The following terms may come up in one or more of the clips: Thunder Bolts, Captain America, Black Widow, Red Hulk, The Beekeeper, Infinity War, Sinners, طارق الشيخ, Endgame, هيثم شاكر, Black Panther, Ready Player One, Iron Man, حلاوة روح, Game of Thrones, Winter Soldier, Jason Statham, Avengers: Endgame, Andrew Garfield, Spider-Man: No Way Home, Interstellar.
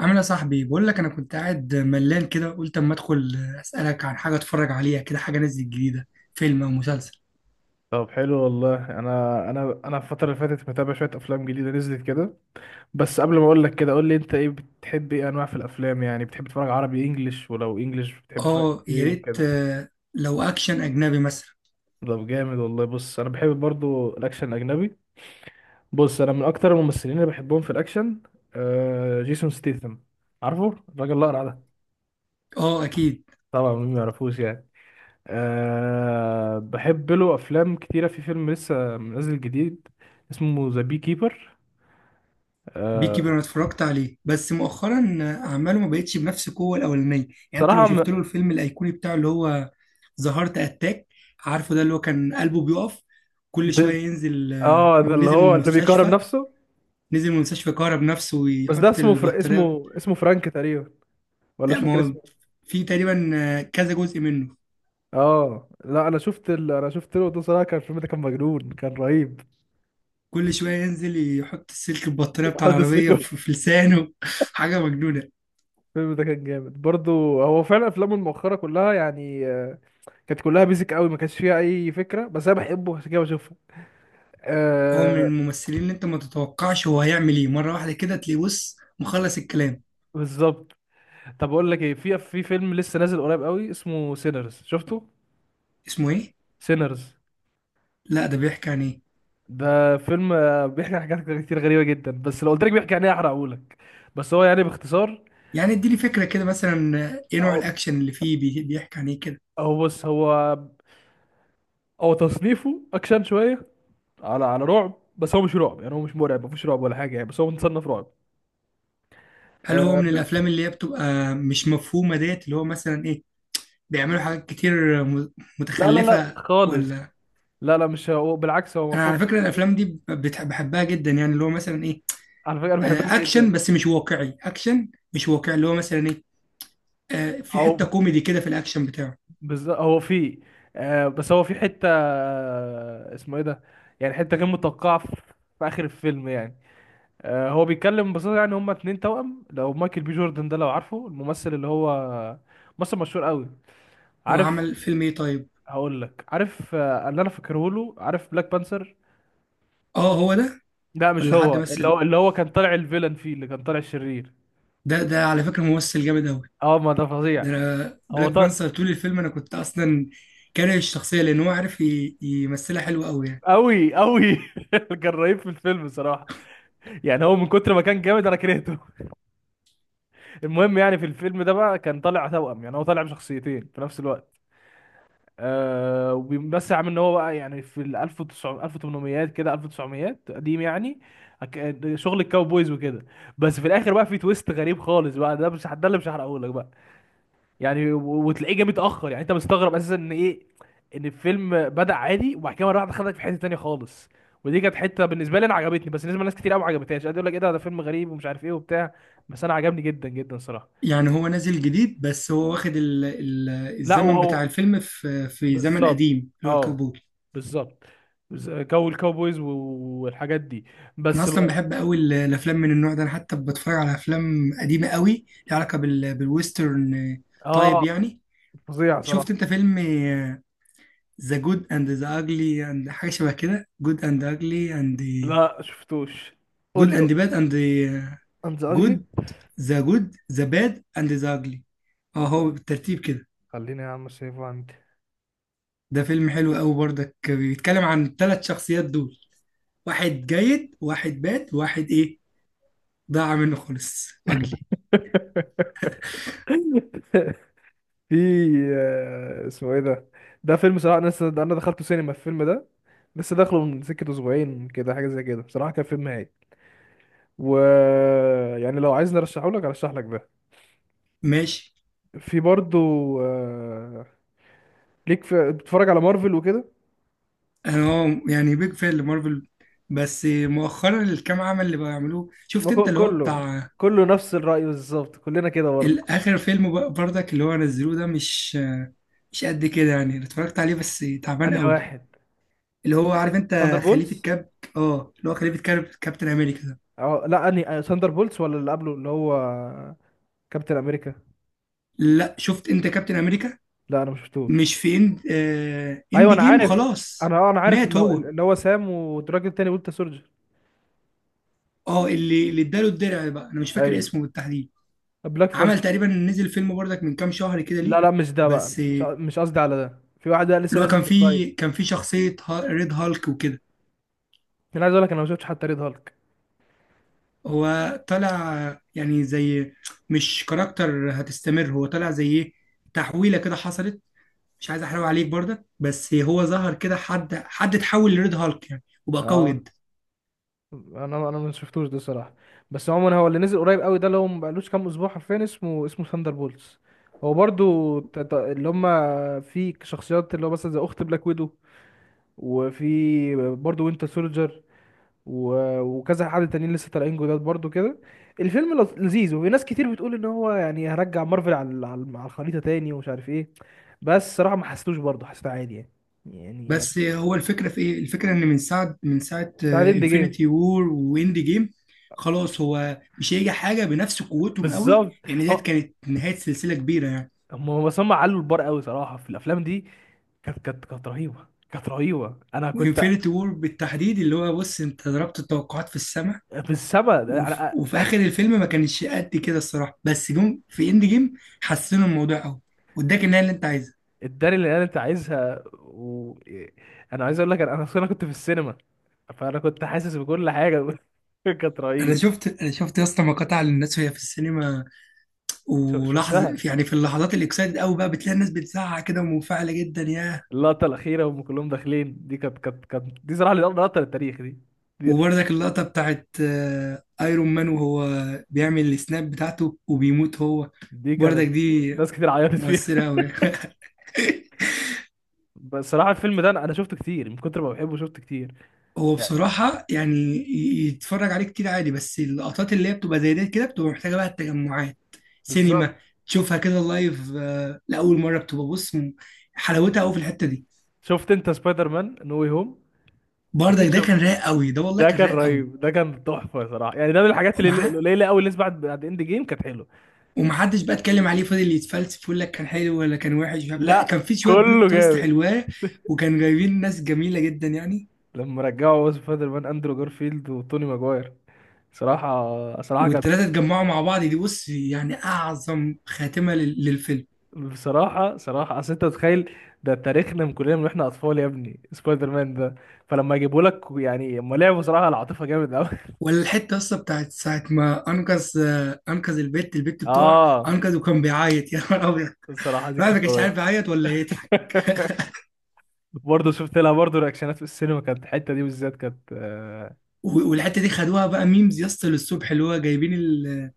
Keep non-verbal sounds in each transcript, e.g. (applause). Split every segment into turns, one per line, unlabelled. عامل إيه يا صاحبي؟ بقول لك انا كنت قاعد ملان كده، قلت اما ادخل اسالك عن حاجه اتفرج عليها كده. حاجه نزلت جديده، فيلم او مسلسل؟
طب حلو والله. انا الفتره اللي فاتت متابع شويه افلام جديده نزلت كده. بس قبل ما اقول لك كده، قول لي انت، ايه بتحب، ايه انواع في الافلام؟ يعني بتحب تتفرج عربي، انجليش؟ ولو انجليش بتحب تتفرج
اه،
ايه
يا ريت.
وكده؟
لو اكشن اجنبي مثلا.
طب جامد والله. بص انا بحب برضو الاكشن الاجنبي. بص انا من اكتر الممثلين اللي بحبهم في الاكشن آه جيسون ستيثم. عارفه الراجل الاقرع ده؟
اه اكيد.
طبعا مين ما يعرفوش يعني. آه بحب له افلام كتيره. في فيلم لسه نازل جديد اسمه ذا بي كيبر.
بيكي بير،
آه
انا اتفرجت عليه بس مؤخرا. اعماله ما بقتش بنفس القوه الاولانيه، يعني انت لو
صراحة
شفت له الفيلم الايقوني بتاعه اللي هو ظهرت اتاك. عارفه ده اللي هو كان قلبه بيقف كل
ب...
شويه؟ ينزل،
اه ده اللي
نزل من
هو اللي بيكرم
المستشفى،
نفسه.
كهرب نفسه
بس ده
ويحط
اسمه فر...
البطاريه.
اسمه اسمه فرانك تقريبا، ولا مش
لا، ما
فاكر
هو
اسمه.
في تقريبا كذا جزء منه.
اه لا انا شفت ال... انا شفت له ده صراحه. كان الفيلم ده كان مجنون، كان رهيب.
كل شوية ينزل يحط السلك البطارية
(laughs)
بتاع
حد
العربية
السجن.
في لسانه (laughs) حاجة مجنونة.
الفيلم ده كان جامد برضو. هو فعلا افلامه المؤخره كلها يعني كانت كلها بيزك قوي، ما كانش فيها اي فكره، بس انا بحبه عشان كده بشوفه.
هو من
آه.
الممثلين اللي انت ما تتوقعش هو هيعمل ايه، مرة واحدة كده تلاقيه بص مخلص الكلام.
بالظبط. طب اقول لك ايه، في في فيلم لسه نازل قريب قوي اسمه سينرز. شفته؟
اسمه ايه؟
سينرز.
لا ده بيحكي عن ايه؟
ده فيلم بيحكي عن حاجات كتير غريبة جدا، بس لو قلت لك بيحكي عن ايه هحرقهولك. بس هو يعني باختصار،
يعني اديني فكرة كده مثلا، ايه نوع
هو
الاكشن اللي فيه؟ بيحكي عن ايه كده؟
هو بص، هو تصنيفه اكشن شوية على على رعب، بس هو مش رعب يعني، هو مش مرعب، مفيش رعب ولا حاجة يعني، بس هو متصنف رعب.
هل هو
آه
من
ب...
الافلام اللي هي بتبقى مش مفهومة ديت، اللي هو مثلا ايه بيعملوا حاجات كتير
لا لا لا
متخلفة؟
خالص.
ولا؟
لا لا مش هو، بالعكس هو
انا
مفهوم.
على فكرة الافلام دي بحبها جدا، يعني اللي هو مثلا ايه،
على فكرة انا بحبها
اكشن
جدا.
بس مش واقعي، اكشن مش واقعي اللي هو مثلا ايه، في حته
او
كوميدي كده في الاكشن بتاعه.
بز... هو فيه آه، بس هو في حتة اسمه ايه ده، يعني حتة غير متوقعة في في اخر الفيلم يعني. هو بيتكلم ببساطة يعني، هما 2 توأم. لو مايكل بي جوردن ده لو عارفه، الممثل اللي هو ممثل مشهور قوي.
هو
عارف؟
عمل فيلم ايه طيب؟
هقول لك، عارف اللي انا فاكره له، عارف بلاك بانثر؟
اه هو ده.
لا مش
ولا حد
هو، اللي
مثل؟
هو اللي هو كان طالع الفيلن فيه، اللي كان طالع الشرير.
ده على فكره ممثل جامد قوي.
اه ما ده فظيع.
ده انا
هو
بلاك
طا...
بانثر طول الفيلم انا كنت اصلا كاره الشخصيه لان هو عارف يمثلها حلو قوي يعني.
قوي قوي. (laughs) كان رهيب في الفيلم صراحة. يعني هو من كتر ما كان جامد انا كرهته. (laughs) المهم يعني في الفيلم ده بقى كان طالع توأم، يعني هو طالع بشخصيتين في نفس الوقت. آه، وبس عم ان هو بقى يعني في ال 1900 1800 كده 1900 قديم يعني. أك- شغل الكاوبويز وكده. بس في الاخر بقى في تويست غريب خالص بقى، ده مش ده اللي مش هحرقه لك بقى. يعني و- وتلاقيه جه متاخر، يعني انت مستغرب اساسا ان ايه، ان الفيلم بدا عادي وبعد كده مره واحده خدك في حته تانيه خالص. ودي كانت حته بالنسبه لي انا عجبتني، بس بالنسبه لناس كتير قوي ما عجبتهاش، قاعد يقول لك ايه ده، ده فيلم غريب ومش عارف ايه وبتاع. بس انا عجبني جدا جدا صراحه.
يعني هو نازل جديد، بس هو واخد ال
لا
الزمن بتاع
وهو
الفيلم في زمن
بالظبط.
قديم اللي هو
اه
الكاوبوي.
بالظبط. بز- جو الكاوبويز و- والحاجات دي.
انا
بس
اصلا
بقى
بحب قوي الافلام من النوع ده، انا حتى بتفرج على افلام قديمه قوي ليها علاقه بالويسترن. طيب
اه
يعني،
فظيع
شفت
صراحة.
انت فيلم ذا جود اند ذا اجلي اند حاجه شبه كده؟ جود اند اجلي اند،
لا شفتوش،
جود
قول لي
اند باد اند،
انت.
جود،
اغلي.
ذا جود ذا باد اند ذا اجلي. اه، هو بالترتيب كده.
خليني يا عم سيفه عندي.
ده فيلم حلو قوي برضك، بيتكلم عن الثلاث شخصيات دول، واحد جيد واحد باد واحد ايه، ضاع منه خالص، اجلي.
(laughs) في اسمه ايه ده، ده فيلم صراحة انا لسه- ده انا دخلته سينما الفيلم ده. لسه داخله من سكة أسبوعين كده، حاجة زي كده. بصراحة كان فيلم هايل. و يعني لو عايزني ارشحه لك ارشح لك ده.
ماشي.
في برضو آه، ليك، في بتتفرج على مارفل وكده؟
انا اه يعني بيج فان لمارفل، بس مؤخرا الكام عمل اللي بقوا يعملوه،
ما
شفت انت
هو
اللي هو
كله،
بتاع
كله نفس الرأي بالظبط، كلنا كده برضه.
الاخر فيلم برضك اللي هو نزلوه ده مش قد كده، يعني اللي اتفرجت عليه بس تعبان
انهي
قوي.
واحد؟
اللي هو، عارف
ثاندر
انت خليفة
بولز.
كاب؟ اه اللي هو خليفة كاب، كابتن امريكا ده.
اه لا، انهي ثاندر بولز ولا اللي قبله اللي هو كابتن امريكا؟
لا، شفت انت كابتن امريكا؟
لا انا ما شفتوش.
مش في اند
ايوه
اند
انا
جيم،
عارف.
خلاص.
انا عارف،
مات
اللي هو
هو.
اللي هو سام، والراجل التاني ويلتا سولجر.
اه اللي اداله الدرع بقى انا مش فاكر
ايوه
اسمه بالتحديد.
بلاك
عمل
فالكون.
تقريبا، نزل فيلم برضك من كام شهر كده، ليه
لا لا مش ده بقى،
بس
مش مش قصدي على ده. في واحد بقى لسه
اللي هو
نازل
كان
من
في
قريب.
شخصية ريد هالك وكده.
انا عايز اقول لك انا ما شفتش حتى ريد هالك.
هو طلع يعني زي، مش كاركتر هتستمر، هو طلع زي ايه، تحويلة كده حصلت. مش عايز احرق عليك برضك، بس هو ظهر كده حد اتحول لريد هالك يعني وبقى قوي
اه
جدا.
انا ما شفتوش ده صراحه. بس عموما هو اللي نزل قريب قوي ده اللي هو ما بقالوش كام اسبوع حرفيا، اسمه اسمه ثاندر بولتس. هو برضو ت- ت- اللي هم في شخصيات، اللي هو مثلا زي اخت بلاك ويدو، وفي برضو وينتر سولجر، و- وكذا حد تانيين لسه طالعين جداد برضو كده. الفيلم لط- لذيذ، وفي ناس كتير بتقول ان هو يعني هرجع مارفل على ال- على ال- على الخريطه تاني ومش عارف ايه. بس صراحه ما حسيتوش، برضو حسيته عادي يعني. يعني
بس هو الفكرة في ايه؟ الفكرة ان من ساعة
ساعه اند جيم
انفينيتي وور واند جيم خلاص هو مش هيجي حاجة بنفس قوتهم قوي،
بالظبط.
لان ديت
هو،
كانت نهاية سلسلة كبيرة يعني.
هم علوا البار قوي صراحه في الافلام دي. كانت رهيبه، كانت رهيبه. انا كنت
وانفينيتي وور بالتحديد اللي هو بص، انت ضربت التوقعات في السماء.
في السما انا.
وفي اخر الفيلم ما كانش قد كده الصراحه، بس جم في اند جيم حسنوا الموضوع قوي، واداك النهايه اللي انت عايزها.
اداني اللي انا انت عايزها و... إيه، انا عايز اقول لك انا، انا أصلاً كنت في السينما، فانا كنت حاسس بكل حاجه. (laughs) كانت رهيب.
انا شفت يا اسطى مقاطع للناس وهي في السينما،
شو-
ولحظه
شفتها،
يعني في اللحظات الاكسايتد قوي بقى بتلاقي الناس بتزعق كده ومنفعله جدا، ياه.
اللقطه الاخيره وهم كلهم داخلين دي، كانت دي صراحه لقطه للتاريخ دي. دي,
وبرضك اللقطه بتاعت ايرون مان وهو بيعمل السناب بتاعته وبيموت هو،
دي
برضك
كانت
دي
ناس كتير عيطت فيها.
مؤثره قوي (laughs)
(laughs) بس صراحه الفيلم ده انا، أنا شفته كتير، من كتر ما بحبه شفته كتير.
هو
يعني
بصراحة يعني يتفرج عليه كتير عادي، بس اللقطات اللي هي بتبقى زي دي كده بتبقى محتاجة بقى التجمعات،
بالظبط.
سينما، تشوفها كده لايف، لأول مرة بتبقى بص حلاوتها قوي في الحتة دي.
شفت انت سبايدر مان نو واي هوم؟
برضك
اكيد
ده
شفت.
كان رايق قوي، ده والله
ده
كان
كان
رايق قوي.
رهيب، ده كان تحفه صراحه يعني. ده من الحاجات اللي
ومع
القليله قوي اللي لسه بعد بعد اند جيم كانت حلوه.
ومحدش بقى اتكلم عليه، فضل يتفلسف يقول لك كان حلو ولا كان وحش، مش عارف. لا، كان
لا
في شوية
كله
بلوت تويست
جامد.
حلوة. وكان جايبين ناس جميلة جدا يعني.
لما رجعوا ويز سبايدر مان اندرو جارفيلد وتوني ماجواير، صراحه صراحه كانت،
والتلاتة اتجمعوا مع بعض دي بص يعني أعظم خاتمة للفيلم.
بصراحه صراحه. اصل انت تتخيل، ده تاريخنا من كلنا، من واحنا اطفال يا ابني سبايدر مان ده. فلما يجيبوا لك يعني، هم لعبوا صراحه العاطفه جامد قوي.
ولا الحته اصلا بتاعت ساعه ما انقذ، انقذ،
(laughs)
البت بتوع
اه
انقذ وكان بيعيط (laughs) يا نهار ابيض.
الصراحه دي
الواحد ما
كانت
كانش عارف
قويه.
يعيط ولا يضحك.
(laughs) برضه شفت لها برضه رياكشنات في السينما، كانت الحته دي بالذات كانت
والحته دي خدوها بقى ميمز يا اسطى للصبح، اللي هو جايبين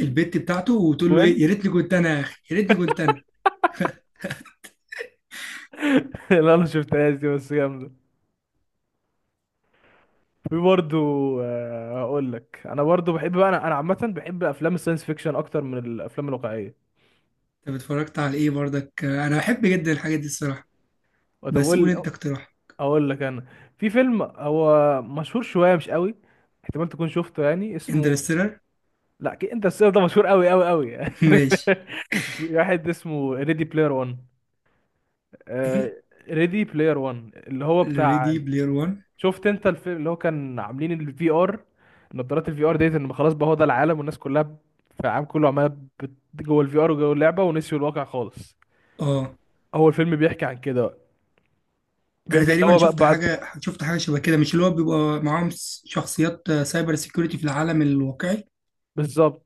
البت بتاعته وتقول له ايه
جوين.
يا ريتني كنت انا، يا اخي يا ريتني كنت انا.
(laughs) اللي انا شفتهاش دي، بس جامده. في برضه هقول لك، انا برضه بحب بقى، انا عامه بحب افلام الساينس فيكشن اكتر من الافلام الواقعيه.
طب اتفرجت على ايه برضك؟ انا بحب جدا الحاجات دي الصراحه،
طب
بس قول
اقول
انت اقتراح.
اقول لك انا في فيلم هو مشهور شويه مش قوي، احتمال تكون شفته يعني اسمه،
انترستيلر؟
لا أكيد انت السيف ده مشهور قوي قوي قوي.
(laughs) ماشي.
(laughs) في واحد اسمه ريدي بلاير 1.
ايه؟
ريدي بلاير 1 اللي هو بتاع،
ريدي بلاير 1.
شفت انت الفيلم اللي هو كان عاملين الفي ار، نظارات الفي ار ديت ان خلاص بقى هو ده العالم، والناس كلها ب- في العالم كله عماله بت- جوه الفي ار وجوه اللعبه، ونسيوا الواقع خالص.
اه
هو الفيلم بيحكي عن كده بقى.
انا
بيحكي ان
تقريبا
هو بقى
شفت
بعد،
حاجه، شبه كده، مش اللي هو بيبقى معاهم شخصيات سايبر سيكيورتي في العالم الواقعي؟
بالظبط.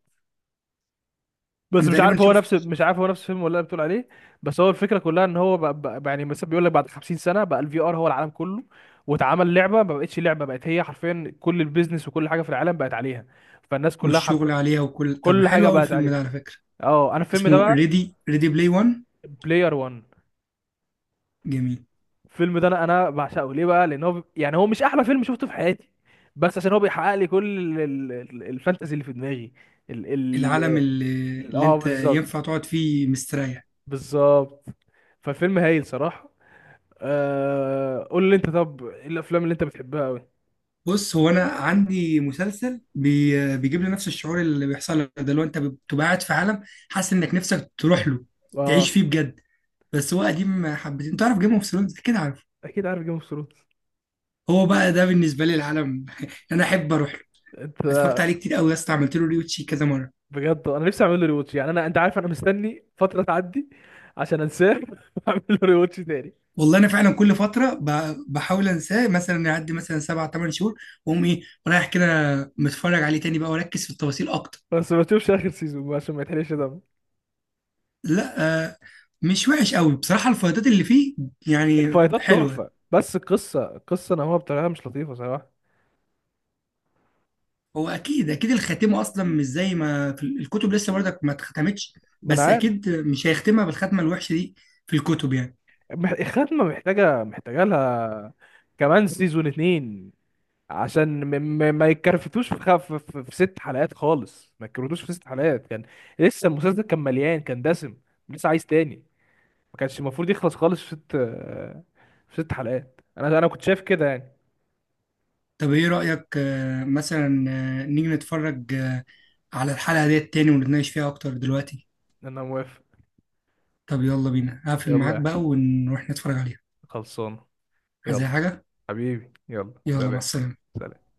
بس
انا
مش
تقريبا
عارف هو نفس،
شفت.
مش عارف هو نفس الفيلم ولا اللي بتقول عليه. بس هو الفكره كلها ان هو بقى بقى يعني مثلا بيقول لك بعد 50 سنه بقى الفي ار هو العالم كله، واتعمل لعبه ما بقتش لعبه، بقت هي حرفيا كل البيزنس وكل حاجه في العالم بقت عليها، فالناس كلها
والشغل
حرفيا
عليها وكل، طب
كل
حلو
حاجه
قوي
بقت
الفيلم
عليه.
ده على فكره.
اه انا الفيلم ده
اسمه
بقى
ريدي بلاي 1.
بلاير 1،
جميل.
الفيلم ده انا بعشقه ليه بقى، لان هو بي- يعني هو مش احلى فيلم شفته في حياتي، بس عشان هو بيحقق لي كل ال- ال- ال- الفانتازي اللي في دماغي. ال
العالم اللي،
ال- اه
انت
بالظبط.
ينفع تقعد فيه مستريح.
بالظبط. فالفيلم هايل صراحة. آه قول لي انت، طب ايه الافلام اللي انت بتحبها قوي؟
بص، هو انا عندي مسلسل بيجيب لي نفس الشعور اللي بيحصل لك ده، اللي هو انت بتبقى قاعد في عالم حاسس انك نفسك تروح له
اه
تعيش فيه بجد. بس هو قديم حبتين. تعرف جيم اوف ثرونز كده؟
اكيد عارف جيم اوف ثرونز
هو بقى ده بالنسبه لي العالم (laughs) انا احب اروح له.
انت.
اتفرجت عليه كتير قوي يا اسطى، عملت له ريوتشي كذا مره.
بجد انا نفسي اعمل له ريواتش يعني. انا انت عارف انا مستني فترة تعدي عشان انساه، (laughs) واعمل له ريواتش تاني.
والله انا فعلا كل فتره بحاول انساه، مثلا يعدي مثلا سبع ثمان شهور واقوم ايه رايح كده متفرج عليه تاني بقى، واركز في التفاصيل اكتر.
بس ما تشوفش اخر سيزون عشان ما يتحرقش دم.
لا مش وحش قوي بصراحه، الفايدات اللي فيه يعني
الفايتات
حلوه.
تحفة، بس القصة، القصة نوعها بطريقة مش لطيفة صراحة.
هو اكيد اكيد الخاتمه اصلا مش زي ما في الكتب لسه برضك ما اتختمتش.
ما انا
بس
عارف.
اكيد مش هيختمها بالختمه الوحشه دي في الكتب يعني.
مح- الخاتمة محتاجة لها كمان سيزون 2، عشان م م ما يتكرفتوش في, خف في 6 حلقات خالص. ما يتكرفتوش في 6 حلقات، كان لسه المسلسل كان مليان، كان دسم، لسه عايز تاني. ما كانش المفروض يخلص خالص في 6، في ست حلقات. انا كنت شايف كده يعني.
طب ايه رأيك، مثلا نيجي نتفرج على الحلقة ديت تاني ونتناقش فيها اكتر دلوقتي؟
انا موافق.
طب يلا بينا، هقفل معاك
يلا
بقى ونروح نتفرج عليها.
خلصانه.
عايز
يلا
اي حاجة؟
حبيبي، يلا
يلا مع
سلام.
السلامة.
سلام.